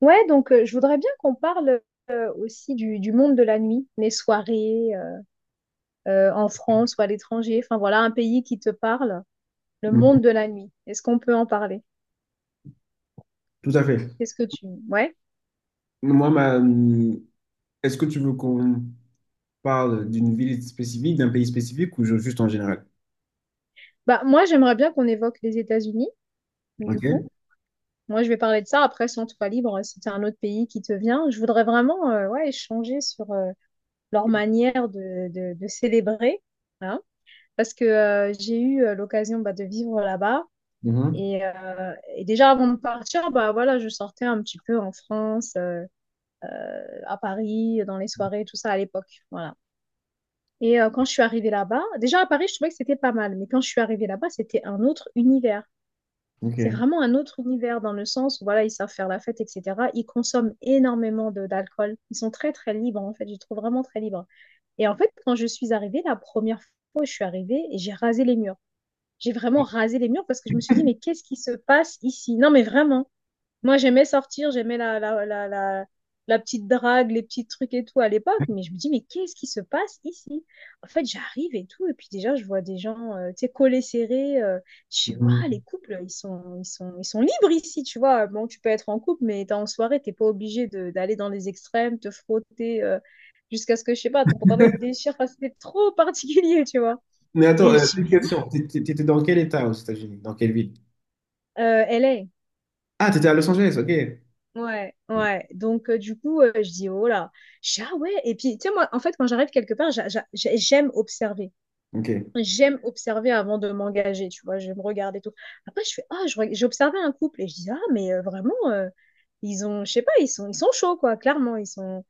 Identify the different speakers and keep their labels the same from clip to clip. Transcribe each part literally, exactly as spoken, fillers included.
Speaker 1: Ouais, donc euh, je voudrais bien qu'on parle euh, aussi du, du monde de la nuit, les soirées euh, euh, en France ou à l'étranger. Enfin voilà, un pays qui te parle, le
Speaker 2: Mhm.
Speaker 1: monde de la nuit. Est-ce qu'on peut en parler?
Speaker 2: Tout à fait.
Speaker 1: Qu'est-ce que tu... Ouais.
Speaker 2: Moi, ma... Est-ce que tu veux qu'on parle d'une ville spécifique, d'un pays spécifique ou ju- juste en général?
Speaker 1: Bah moi j'aimerais bien qu'on évoque les États-Unis, du coup.
Speaker 2: Ok.
Speaker 1: Moi je vais parler de ça. Après, sans toi libre, si t'as un autre pays qui te vient, je voudrais vraiment euh, ouais, échanger sur euh, leur manière de, de, de célébrer, hein. Parce que euh, j'ai eu euh, l'occasion bah, de vivre là-bas.
Speaker 2: Mhm.
Speaker 1: Et, euh, et déjà avant de partir, bah voilà, je sortais un petit peu en France, euh, à Paris, dans les soirées, tout ça à l'époque. Voilà. Et euh, quand je suis arrivée là-bas, déjà à Paris, je trouvais que c'était pas mal, mais quand je suis arrivée là-bas, c'était un autre univers.
Speaker 2: Ok.
Speaker 1: C'est vraiment un autre univers dans le sens où voilà, ils savent faire la fête, et cetera. Ils consomment énormément de d'alcool. Ils sont très très libres en fait. Je les trouve vraiment très libres. Et en fait, quand je suis arrivée la première fois, je suis arrivée et j'ai rasé les murs. J'ai vraiment rasé les murs parce que je me suis dit mais qu'est-ce qui se passe ici? Non mais vraiment. Moi, j'aimais sortir, j'aimais la, la, la, la, la petite drague, les petits trucs et tout à l'époque, mais je me dis, mais qu'est-ce qui se passe ici? En fait, j'arrive et tout, et puis déjà, je vois des gens, euh, tu sais, collés, serrés. Euh, je sais, waouh, les
Speaker 2: Mhm.
Speaker 1: couples, ils sont, ils sont, ils sont libres ici, tu vois. Bon, tu peux être en couple, mais t'es en soirée, t'es pas obligé de- d'aller dans les extrêmes, te frotter euh, jusqu'à ce que, je sais pas, ton pantalon il se déchire. Enfin, c'était trop particulier, tu vois.
Speaker 2: Mais attends,
Speaker 1: Et je
Speaker 2: euh,
Speaker 1: dis,
Speaker 2: petite
Speaker 1: mais
Speaker 2: question. T'é- t'é- T'étais dans quel état aux États-Unis? Dans quelle ville?
Speaker 1: là, euh, L A.
Speaker 2: Ah, t'étais à Los Angeles, ok.
Speaker 1: Ouais, ouais. Donc, euh, du coup, euh, je dis, oh là, je dis, ah ouais. Et puis, tu sais, moi, en fait, quand j'arrive quelque part, j'a- j'a- j'ai- j'aime observer.
Speaker 2: Ok.
Speaker 1: J'aime observer avant de m'engager, tu vois, je me regarde et tout. Après, je fais, ah, je reg- j'ai observé un couple et je dis, ah, mais euh, vraiment, euh, ils ont, je sais pas, ils sont, ils sont chauds, quoi, clairement, ils sont.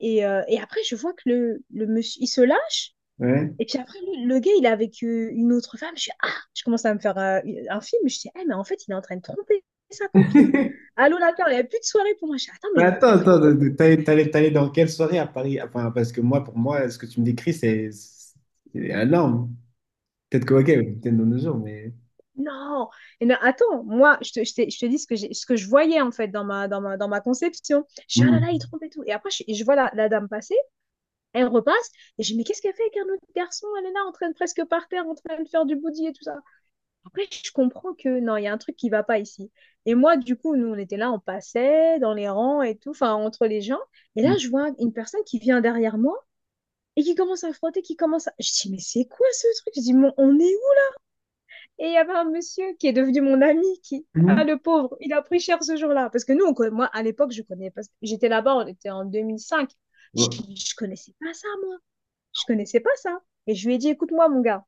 Speaker 1: Et, euh, et après, je vois que le, le monsieur, il se lâche
Speaker 2: Ouais.
Speaker 1: et puis après, lui, le gars, il est avec euh, une autre femme. Je suis, ah, je commence à me faire euh, un film. Je dis, ah, mais en fait, il est en train de tromper sa copine. Allô, la peur, il n'y a plus de soirée pour moi. Je dis, attends, mais
Speaker 2: Mais
Speaker 1: il est en
Speaker 2: attends,
Speaker 1: train de
Speaker 2: attends,
Speaker 1: tromper.
Speaker 2: de- de- t'allais t'allais- t'allais dans quelle soirée à Paris? Enfin, parce que moi, pour moi, ce que tu me décris, c'est c'est énorme. Peut-être que, ok, peut-être dans nos jours, mais.
Speaker 1: Non. Et non, attends, moi, je te, je t'ai- je te dis ce que, j'ai- ce que je voyais, en fait, dans ma, dans ma, dans ma conception. Je suis, ah là là, il
Speaker 2: Mhm.
Speaker 1: trompe et tout. Et après, je, je vois la, la dame passer, elle repasse. Et je dis, mais qu'est-ce qu'elle fait avec un autre garçon? Elle est là, en train de presque par terre, en train de faire du body et tout ça. Après, je comprends que non, il y a un truc qui va pas ici. Et moi, du coup, nous, on était là, on passait dans les rangs et tout, enfin, entre les gens. Et là, je vois une personne qui vient derrière moi et qui commence à frotter, qui commence à... Je dis, mais c'est quoi ce truc? Je dis, mais on est où? Et il y avait un monsieur qui est devenu mon ami, qui... Ah,
Speaker 2: Mhm.
Speaker 1: le pauvre, il a pris cher ce jour-là. Parce que nous, on conna- moi, à l'époque, je connais pas... J'étais là-bas, on était en deux mille cinq. Je,
Speaker 2: Ouais.
Speaker 1: je connaissais pas ça, moi. Je connaissais pas ça. Et je lui ai dit, écoute-moi, mon gars.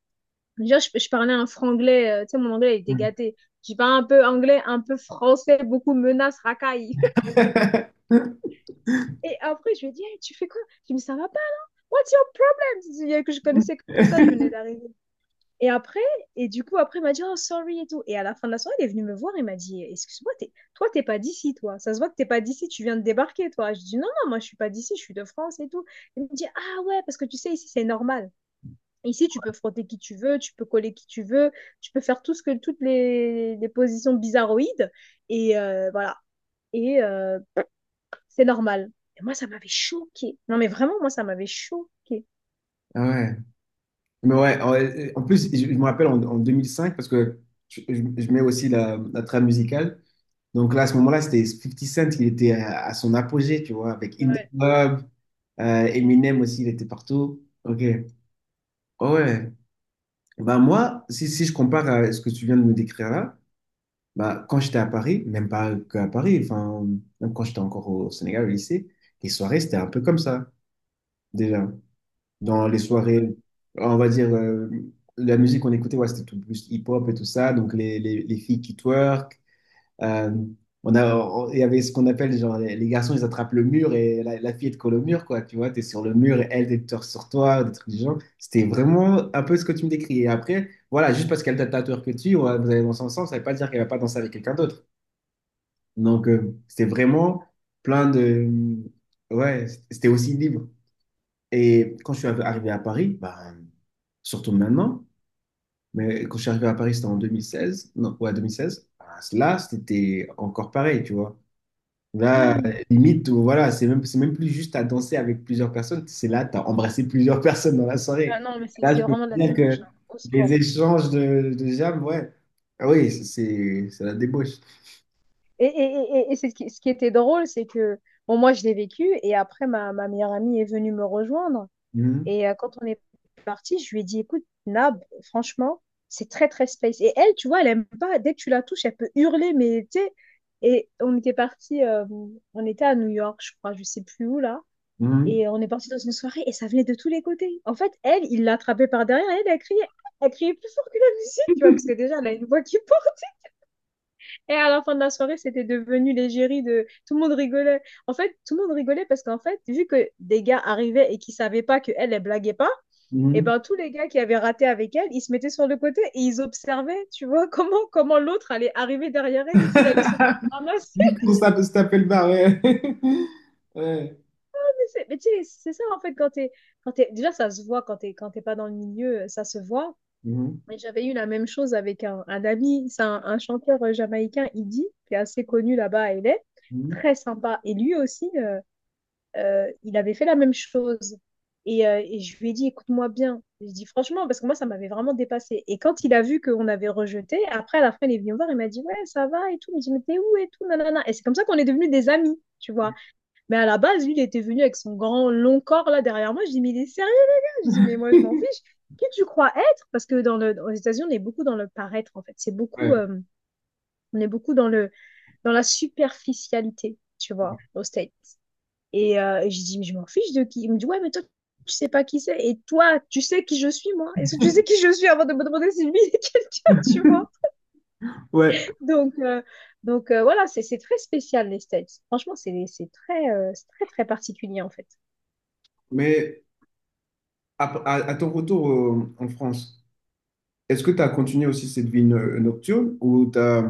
Speaker 1: Déjà, je, je parlais un franglais, euh, tu sais, mon anglais il était gâté. J'ai parlé un peu anglais, un peu français, beaucoup menaces, racailles. Et après, je lui ai dit, hey, tu fais quoi? Je me dis, ça va pas? What's your problem? Tu dis, que je connaissais que ça, je venais d'arriver. Et après, et du coup, après, il m'a dit, oh, sorry et tout. Et à la fin de la soirée, il est venu me voir il m'a dit, excuse-moi, t'es- toi, t'es pas d'ici, toi. Ça se voit que t'es pas d'ici, tu viens de débarquer, toi. Je dis, non, non, moi, je suis pas d'ici, je suis de France et tout. Il me dit, ah ouais, parce que tu sais, ici, c'est normal. Ici, tu peux frotter qui tu veux, tu peux coller qui tu veux, tu peux faire tout ce que, toutes les, les positions bizarroïdes. Et euh, voilà. Et euh, c'est normal. Et moi, ça m'avait choqué. Non, mais vraiment, moi, ça m'avait choqué.
Speaker 2: Ah ouais. Mais ouais, en en plus, je je me rappelle en, en deux mille cinq, parce que je, je- je mets aussi la, la trame musicale. Donc là, à ce moment-là, c'était Fifty Cent, il était à, à son apogée, tu vois, avec In The
Speaker 1: Ouais.
Speaker 2: Club, euh, Eminem aussi, il était partout. Ok. Oh ouais. Bah moi, si, si je compare à ce que tu viens de me décrire là, bah quand j'étais à Paris, même pas qu'à Paris, enfin, même quand j'étais encore au Sénégal, au lycée, les soirées, c'était un peu comme ça, déjà. Dans les soirées, on va dire, euh, la musique qu'on écoutait, ouais, c'était tout plus hip-hop et tout ça, donc les, les, les filles qui twerk, euh, on a, on- il y avait ce qu'on appelle, genre, les, les garçons, ils attrapent le mur et la, la fille, elle te colle au mur, quoi, tu vois, t'es sur le mur et elle, elle te sur toi, des trucs du genre. C'était vraiment un peu ce que tu me décris. Et après, voilà, juste parce qu'elle t'a twerk que tu, ouais, vous allez danser ensemble, ça veut pas dire qu'elle va pas danser avec quelqu'un d'autre. Donc, euh, c'était vraiment plein de... Ouais, c'était aussi libre. Et quand je suis arrivé à Paris, ben, surtout maintenant, mais quand je suis arrivé à Paris, c'était en deux mille seize. Non, ouais, deux mille seize. Ah, là, c'était encore pareil, tu vois. Là,
Speaker 1: Hmm.
Speaker 2: limite, voilà, c'est même, c'est même plus juste à danser avec plusieurs personnes. C'est là, tu as embrassé plusieurs personnes dans la
Speaker 1: Ah
Speaker 2: soirée.
Speaker 1: non, mais c'est
Speaker 2: Là, je
Speaker 1: c'est
Speaker 2: peux te
Speaker 1: vraiment de la
Speaker 2: dire
Speaker 1: débauche,
Speaker 2: que
Speaker 1: hein. Au
Speaker 2: les
Speaker 1: score.
Speaker 2: échanges de, de jam, ouais. Ah oui, c'est c'est la débauche.
Speaker 1: Et, et, et, et c'est ce qui, ce qui était drôle, c'est que, bon, moi, je l'ai vécu. Et après, ma, ma meilleure amie est venue me rejoindre.
Speaker 2: Mhm,
Speaker 1: Et euh, quand on est parti, je lui ai dit, écoute, Nab, franchement, c'est très, très space. Et elle, tu vois, elle aime pas. Dès que tu la touches, elle peut hurler, mais tu sais. Et on était parti, euh, on était à New York, je crois, je sais plus où là.
Speaker 2: mhm,
Speaker 1: Et on est parti dans une soirée et ça venait de tous les côtés. En fait, elle, il l'a attrapée par derrière et elle a crié. Elle criait plus fort que la musique, tu vois, parce que déjà, elle a une voix qui porte. Et à la fin de la soirée, c'était devenu l'égérie de tout le monde rigolait. En fait, tout le monde rigolait parce qu'en fait, vu que des gars arrivaient et qui savaient pas que elle, elle blaguait pas, et
Speaker 2: mhm.
Speaker 1: ben tous les gars qui avaient raté avec elle, ils se mettaient sur le côté et ils observaient, tu vois, comment, comment l'autre allait arriver derrière elle et qu'il allait se faire ramasser.
Speaker 2: Juste pour ça, se taper le bar, ouais. Ouais.
Speaker 1: Mais, mais tu sais, c'est ça en fait, quand t'es, quand t'es- déjà ça se voit, quand t'es, quand t'es pas dans le milieu, ça se voit.
Speaker 2: Mhm,
Speaker 1: Mais j'avais eu la même chose avec un, un ami, c'est un, un chanteur jamaïcain, Idi, qui est assez connu là-bas à L A,
Speaker 2: mhm.
Speaker 1: très sympa. Et lui aussi, euh, euh, il avait fait la même chose. Et, euh, et je lui ai dit, écoute-moi bien. Je dis franchement, parce que moi, ça m'avait vraiment dépassé. Et quand il a vu qu'on avait rejeté, après, à la fin, il est venu me voir, il m'a dit, ouais, ça va et tout. Il me dit, mais t'es où et tout, nanana. Et c'est comme ça qu'on est devenus des amis, tu vois. Mais à la base, lui, il était venu avec son grand, long corps là derrière moi. Je dis, mais il est sérieux, les gars? Je dis, mais moi, je m'en fiche. Qui tu crois être? Parce que dans le, aux États-Unis, on est beaucoup dans le paraître, en fait. C'est beaucoup,
Speaker 2: Ouais.
Speaker 1: euh, on est beaucoup dans le, dans la superficialité, tu vois, au States. Et euh, je dis, mais je m'en fiche de qui. Il me dit, ouais, mais toi, tu sais pas qui c'est. Et toi, tu sais qui je suis, moi. Est-ce que tu sais qui je suis avant de me demander si lui est quelqu'un, tu vois?
Speaker 2: Ouais,
Speaker 1: Donc, euh, donc euh, voilà, c'est c'est très spécial, les States. Franchement, c'est c'est très, euh, c'est très, très particulier, en fait.
Speaker 2: mais à, à- à ton retour euh, en France, est-ce que tu as continué aussi cette vie no- nocturne ou t'as,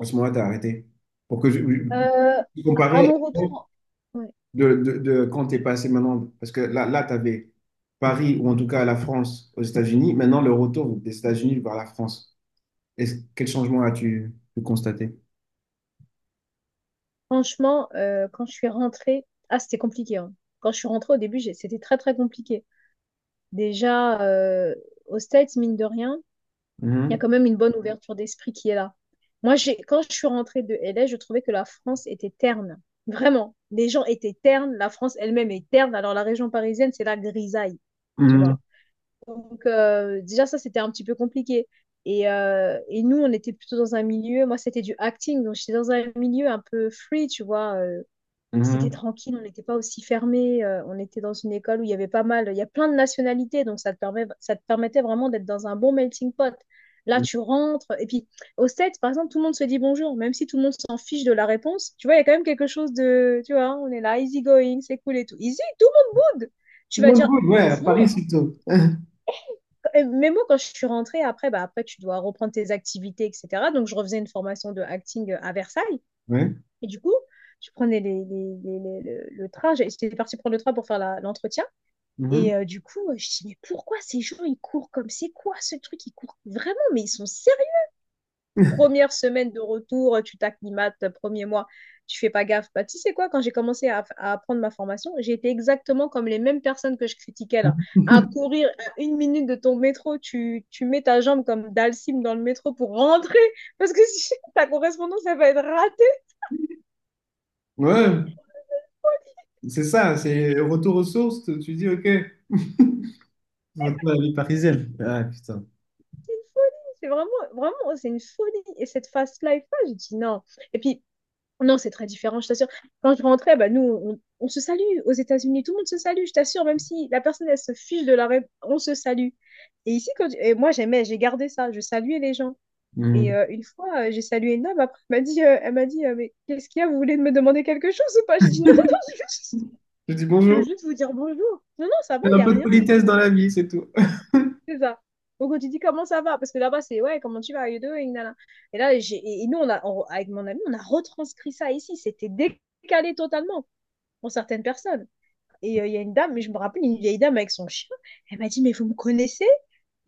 Speaker 2: à ce moment-là, tu as arrêté? Pour que je,
Speaker 1: Euh,
Speaker 2: je-
Speaker 1: à
Speaker 2: comparer
Speaker 1: mon retour, ouais,
Speaker 2: de, de, de quand tu es passé maintenant, parce que là, là tu avais Paris ou en tout cas la France aux États-Unis, maintenant le retour des États-Unis vers la France. Est-ce, quel changement as-tu pu constater?
Speaker 1: franchement, euh, quand je suis rentrée, ah, c'était compliqué, hein. Quand je suis rentrée au début, j'ai- c'était très, très compliqué. Déjà, euh, aux States, mine de rien, il y a
Speaker 2: Mhm,
Speaker 1: quand même une bonne ouverture d'esprit qui est là. Moi, j'ai, quand je suis rentrée de L A, je trouvais que la France était terne. Vraiment, les gens étaient ternes, la France elle-même est terne. Alors la région parisienne, c'est la grisaille, tu
Speaker 2: mhm,
Speaker 1: vois. Donc euh, déjà ça, c'était un petit peu compliqué. Et, euh, et nous, on était plutôt dans un milieu, moi c'était du acting, donc j'étais dans un milieu un peu free, tu vois, euh, c'était
Speaker 2: mhm.
Speaker 1: tranquille, on n'était pas aussi fermé. Euh, on était dans une école où il y avait pas mal, il y a plein de nationalités, donc ça te permet, ça te permettait vraiment d'être dans un bon melting pot. Là, tu rentres, et puis au States, par exemple, tout le monde se dit bonjour, même si tout le monde s'en fiche de la réponse. Tu vois, il y a quand même quelque chose de, tu vois, on est là, easy going, c'est cool et tout. Easy, tout le monde boude. Tu
Speaker 2: Tout
Speaker 1: vas
Speaker 2: le monde
Speaker 1: dire
Speaker 2: bouge, ouais, à Paris
Speaker 1: bonjour.
Speaker 2: surtout.
Speaker 1: Et même moi, quand je suis rentrée, après, bah, après, tu dois reprendre tes activités, et cetera. Donc, je refaisais une formation de acting à Versailles.
Speaker 2: Ouais.
Speaker 1: Et du coup, je prenais les, les- les- les- le, le train, j'ai- j'étais partie prendre le train pour faire la- l'entretien.
Speaker 2: Mhm.
Speaker 1: Et euh, du coup, je dis, mais pourquoi ces gens, ils courent, comme c'est quoi ce truc? Ils courent vraiment, mais ils sont sérieux. Première semaine de retour, euh, tu t'acclimates, euh, premier mois, tu fais pas gaffe. Bah, tu sais quoi, quand j'ai commencé à, à apprendre ma formation, j'ai été exactement comme les mêmes personnes que je critiquais là. À courir à une minute de ton métro, tu, tu mets ta jambe comme Dalsim dans le métro pour rentrer, parce que si ta correspondance, elle va être ratée.
Speaker 2: Ouais, c'est ça, c'est retour aux sources, tu tu dis ok, retour à la vie parisienne. Ah putain.
Speaker 1: C'est vraiment, vraiment, c'est une folie. Et cette fast life-là, j'ai dit non. Et puis, non, c'est très différent, je t'assure. Quand je rentrais, bah, nous, on, on se salue aux États-Unis. Tout le monde se salue, je t'assure, même si la personne, elle se fiche de la règle, on se salue. Et ici, quand, et moi, j'aimais, j'ai gardé ça. Je saluais les gens. Et
Speaker 2: Mhm.
Speaker 1: euh, une fois, euh, j'ai salué une dame. Après, elle m'a dit, euh, elle m'a dit, euh, mais qu'est-ce qu'il y a? Vous voulez me demander quelque chose ou pas? J'ai dit, non, non, je veux juste,
Speaker 2: Je dis
Speaker 1: je veux
Speaker 2: bonjour.
Speaker 1: juste vous dire bonjour. Non, non, ça va,
Speaker 2: Fais
Speaker 1: il
Speaker 2: un
Speaker 1: n'y a
Speaker 2: peu de
Speaker 1: rien.
Speaker 2: politesse dans la vie, c'est tout.
Speaker 1: C'est ça. Donc, quand tu dis comment ça va, parce que là-bas, c'est ouais, comment tu vas, how you doing, nana. Et là, j'ai, et nous, on a, on- avec mon ami, on a retranscrit ça ici. C'était décalé totalement pour certaines personnes. Et euh, il y a une dame, mais je me rappelle, une vieille dame avec son chien, elle m'a dit, mais vous me connaissez?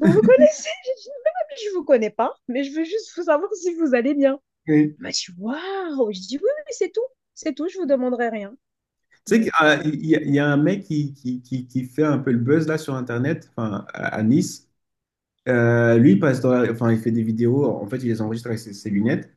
Speaker 1: Vous me connaissez? J'ai dit, non, mais je vous connais pas, mais je veux juste vous savoir si vous allez bien.
Speaker 2: Oui.
Speaker 1: Elle m'a dit, waouh! Je dis, oui, oui, c'est tout. C'est tout, je vous demanderai rien.
Speaker 2: Tu sais qu'il y
Speaker 1: Donc,
Speaker 2: a,
Speaker 1: euh,
Speaker 2: il y a un mec qui, qui, qui, qui fait un peu le buzz là sur Internet, enfin à à Nice. Euh, lui, il passe dans la- enfin, il fait des vidéos, en fait, il les enregistre avec ses, ses lunettes,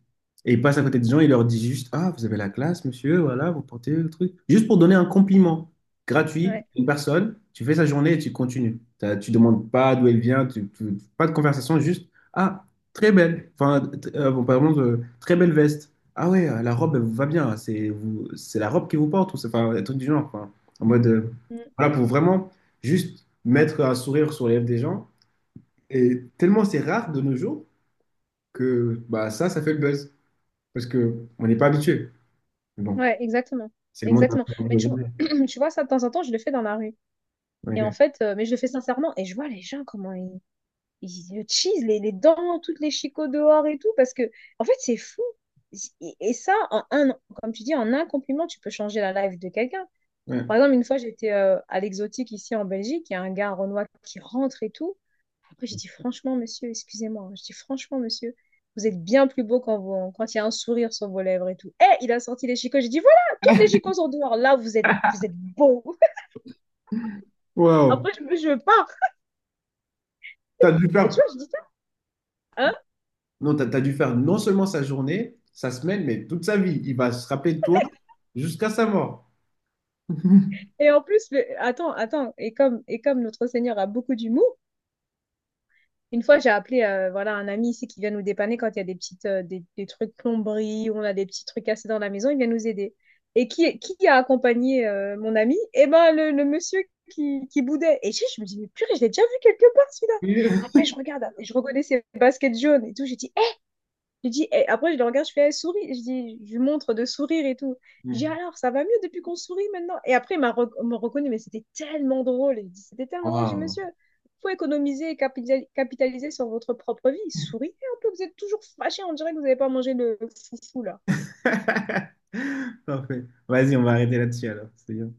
Speaker 2: et il passe à côté des gens, il leur dit juste, ah, vous avez la classe, monsieur, voilà, vous portez le truc. Juste pour donner un compliment gratuit
Speaker 1: ouais.
Speaker 2: à une personne, tu fais sa journée et tu continues. T'as- Tu demandes pas d'où elle vient, tu, tu- pas de conversation, juste, ah, très belle, enfin, t- euh, bon, par exemple, euh, très belle veste. Ah ouais, euh, la robe, elle vous va bien, c'est vous, c'est la robe qui vous porte, ou c'est, enfin, un truc du genre, enfin, en mode, euh,
Speaker 1: Mm.
Speaker 2: voilà, pour vraiment juste mettre un sourire sur les lèvres des gens. Et tellement c'est rare de nos jours que bah, ça, ça fait le buzz. Parce qu'on n'est pas habitué. Mais bon,
Speaker 1: Ouais, exactement.
Speaker 2: c'est le monde dans
Speaker 1: Exactement. Mais tu, vois-
Speaker 2: lequel
Speaker 1: tu vois, ça, de temps en temps, je le fais dans la rue.
Speaker 2: on est.
Speaker 1: Et en
Speaker 2: Ok.
Speaker 1: fait, euh, mais je le fais sincèrement, et je vois les gens comment ils, ils le cheese, les, les dents, toutes les chicots dehors et tout, parce que, en fait, c'est fou. Et, et ça, en un, comme tu dis, en un compliment, tu peux changer la life de quelqu'un. Par
Speaker 2: Ouais.
Speaker 1: exemple, une fois, j'étais euh, à l'exotique ici en Belgique, il y a un gars renois qui rentre et tout. Après, j'ai dit, franchement, monsieur, excusez-moi, hein. Je dis, franchement, monsieur, vous êtes bien plus beau quand, vous, quand il y a un sourire sur vos lèvres et tout. Et il a sorti les chicots, j'ai dit, voilà, toutes les chicots sont dehors, là, vous êtes, vous êtes beau.
Speaker 2: Wow.
Speaker 1: Après, je, me- je pars.
Speaker 2: T'as dû
Speaker 1: Et
Speaker 2: faire...
Speaker 1: tu vois, je dis ça.
Speaker 2: Non, t'as, t'as dû faire non seulement sa journée, sa semaine, mais toute sa vie. Il va se rappeler de toi jusqu'à sa mort.
Speaker 1: Et en plus, le- attends, attends, et comme, et comme notre Seigneur a beaucoup d'humour, une fois j'ai appelé euh, voilà, un ami ici qui vient nous dépanner quand il y a des petites euh, des, des trucs plomberie, ou on a des petits trucs cassés dans la maison, il vient nous aider. Et qui, qui a accompagné euh, mon ami? Eh ben le, le monsieur qui, qui boudait. Et je, je me dis, mais purée, je l'ai déjà vu quelque part celui-là. Après, je regarde, je reconnais ses baskets jaunes et tout. J'ai dit, je dis, eh, après, je le regarde, je fais, eh, souris. Je dis, je lui montre de sourire et tout. Je dis, alors, ça va mieux depuis qu'on sourit maintenant. Et après, il m'a rec- me reconnu, mais c'était tellement drôle. Il dit, c'était tellement drôle. Je dis,
Speaker 2: Wow.
Speaker 1: monsieur, faut économiser et capital- capitaliser sur votre propre vie. Souriez un peu, vous êtes toujours fâché. On dirait que vous n'avez pas mangé le foufou, là.
Speaker 2: Parfait. Vas-y, on va arrêter là-dessus alors. C'est bien.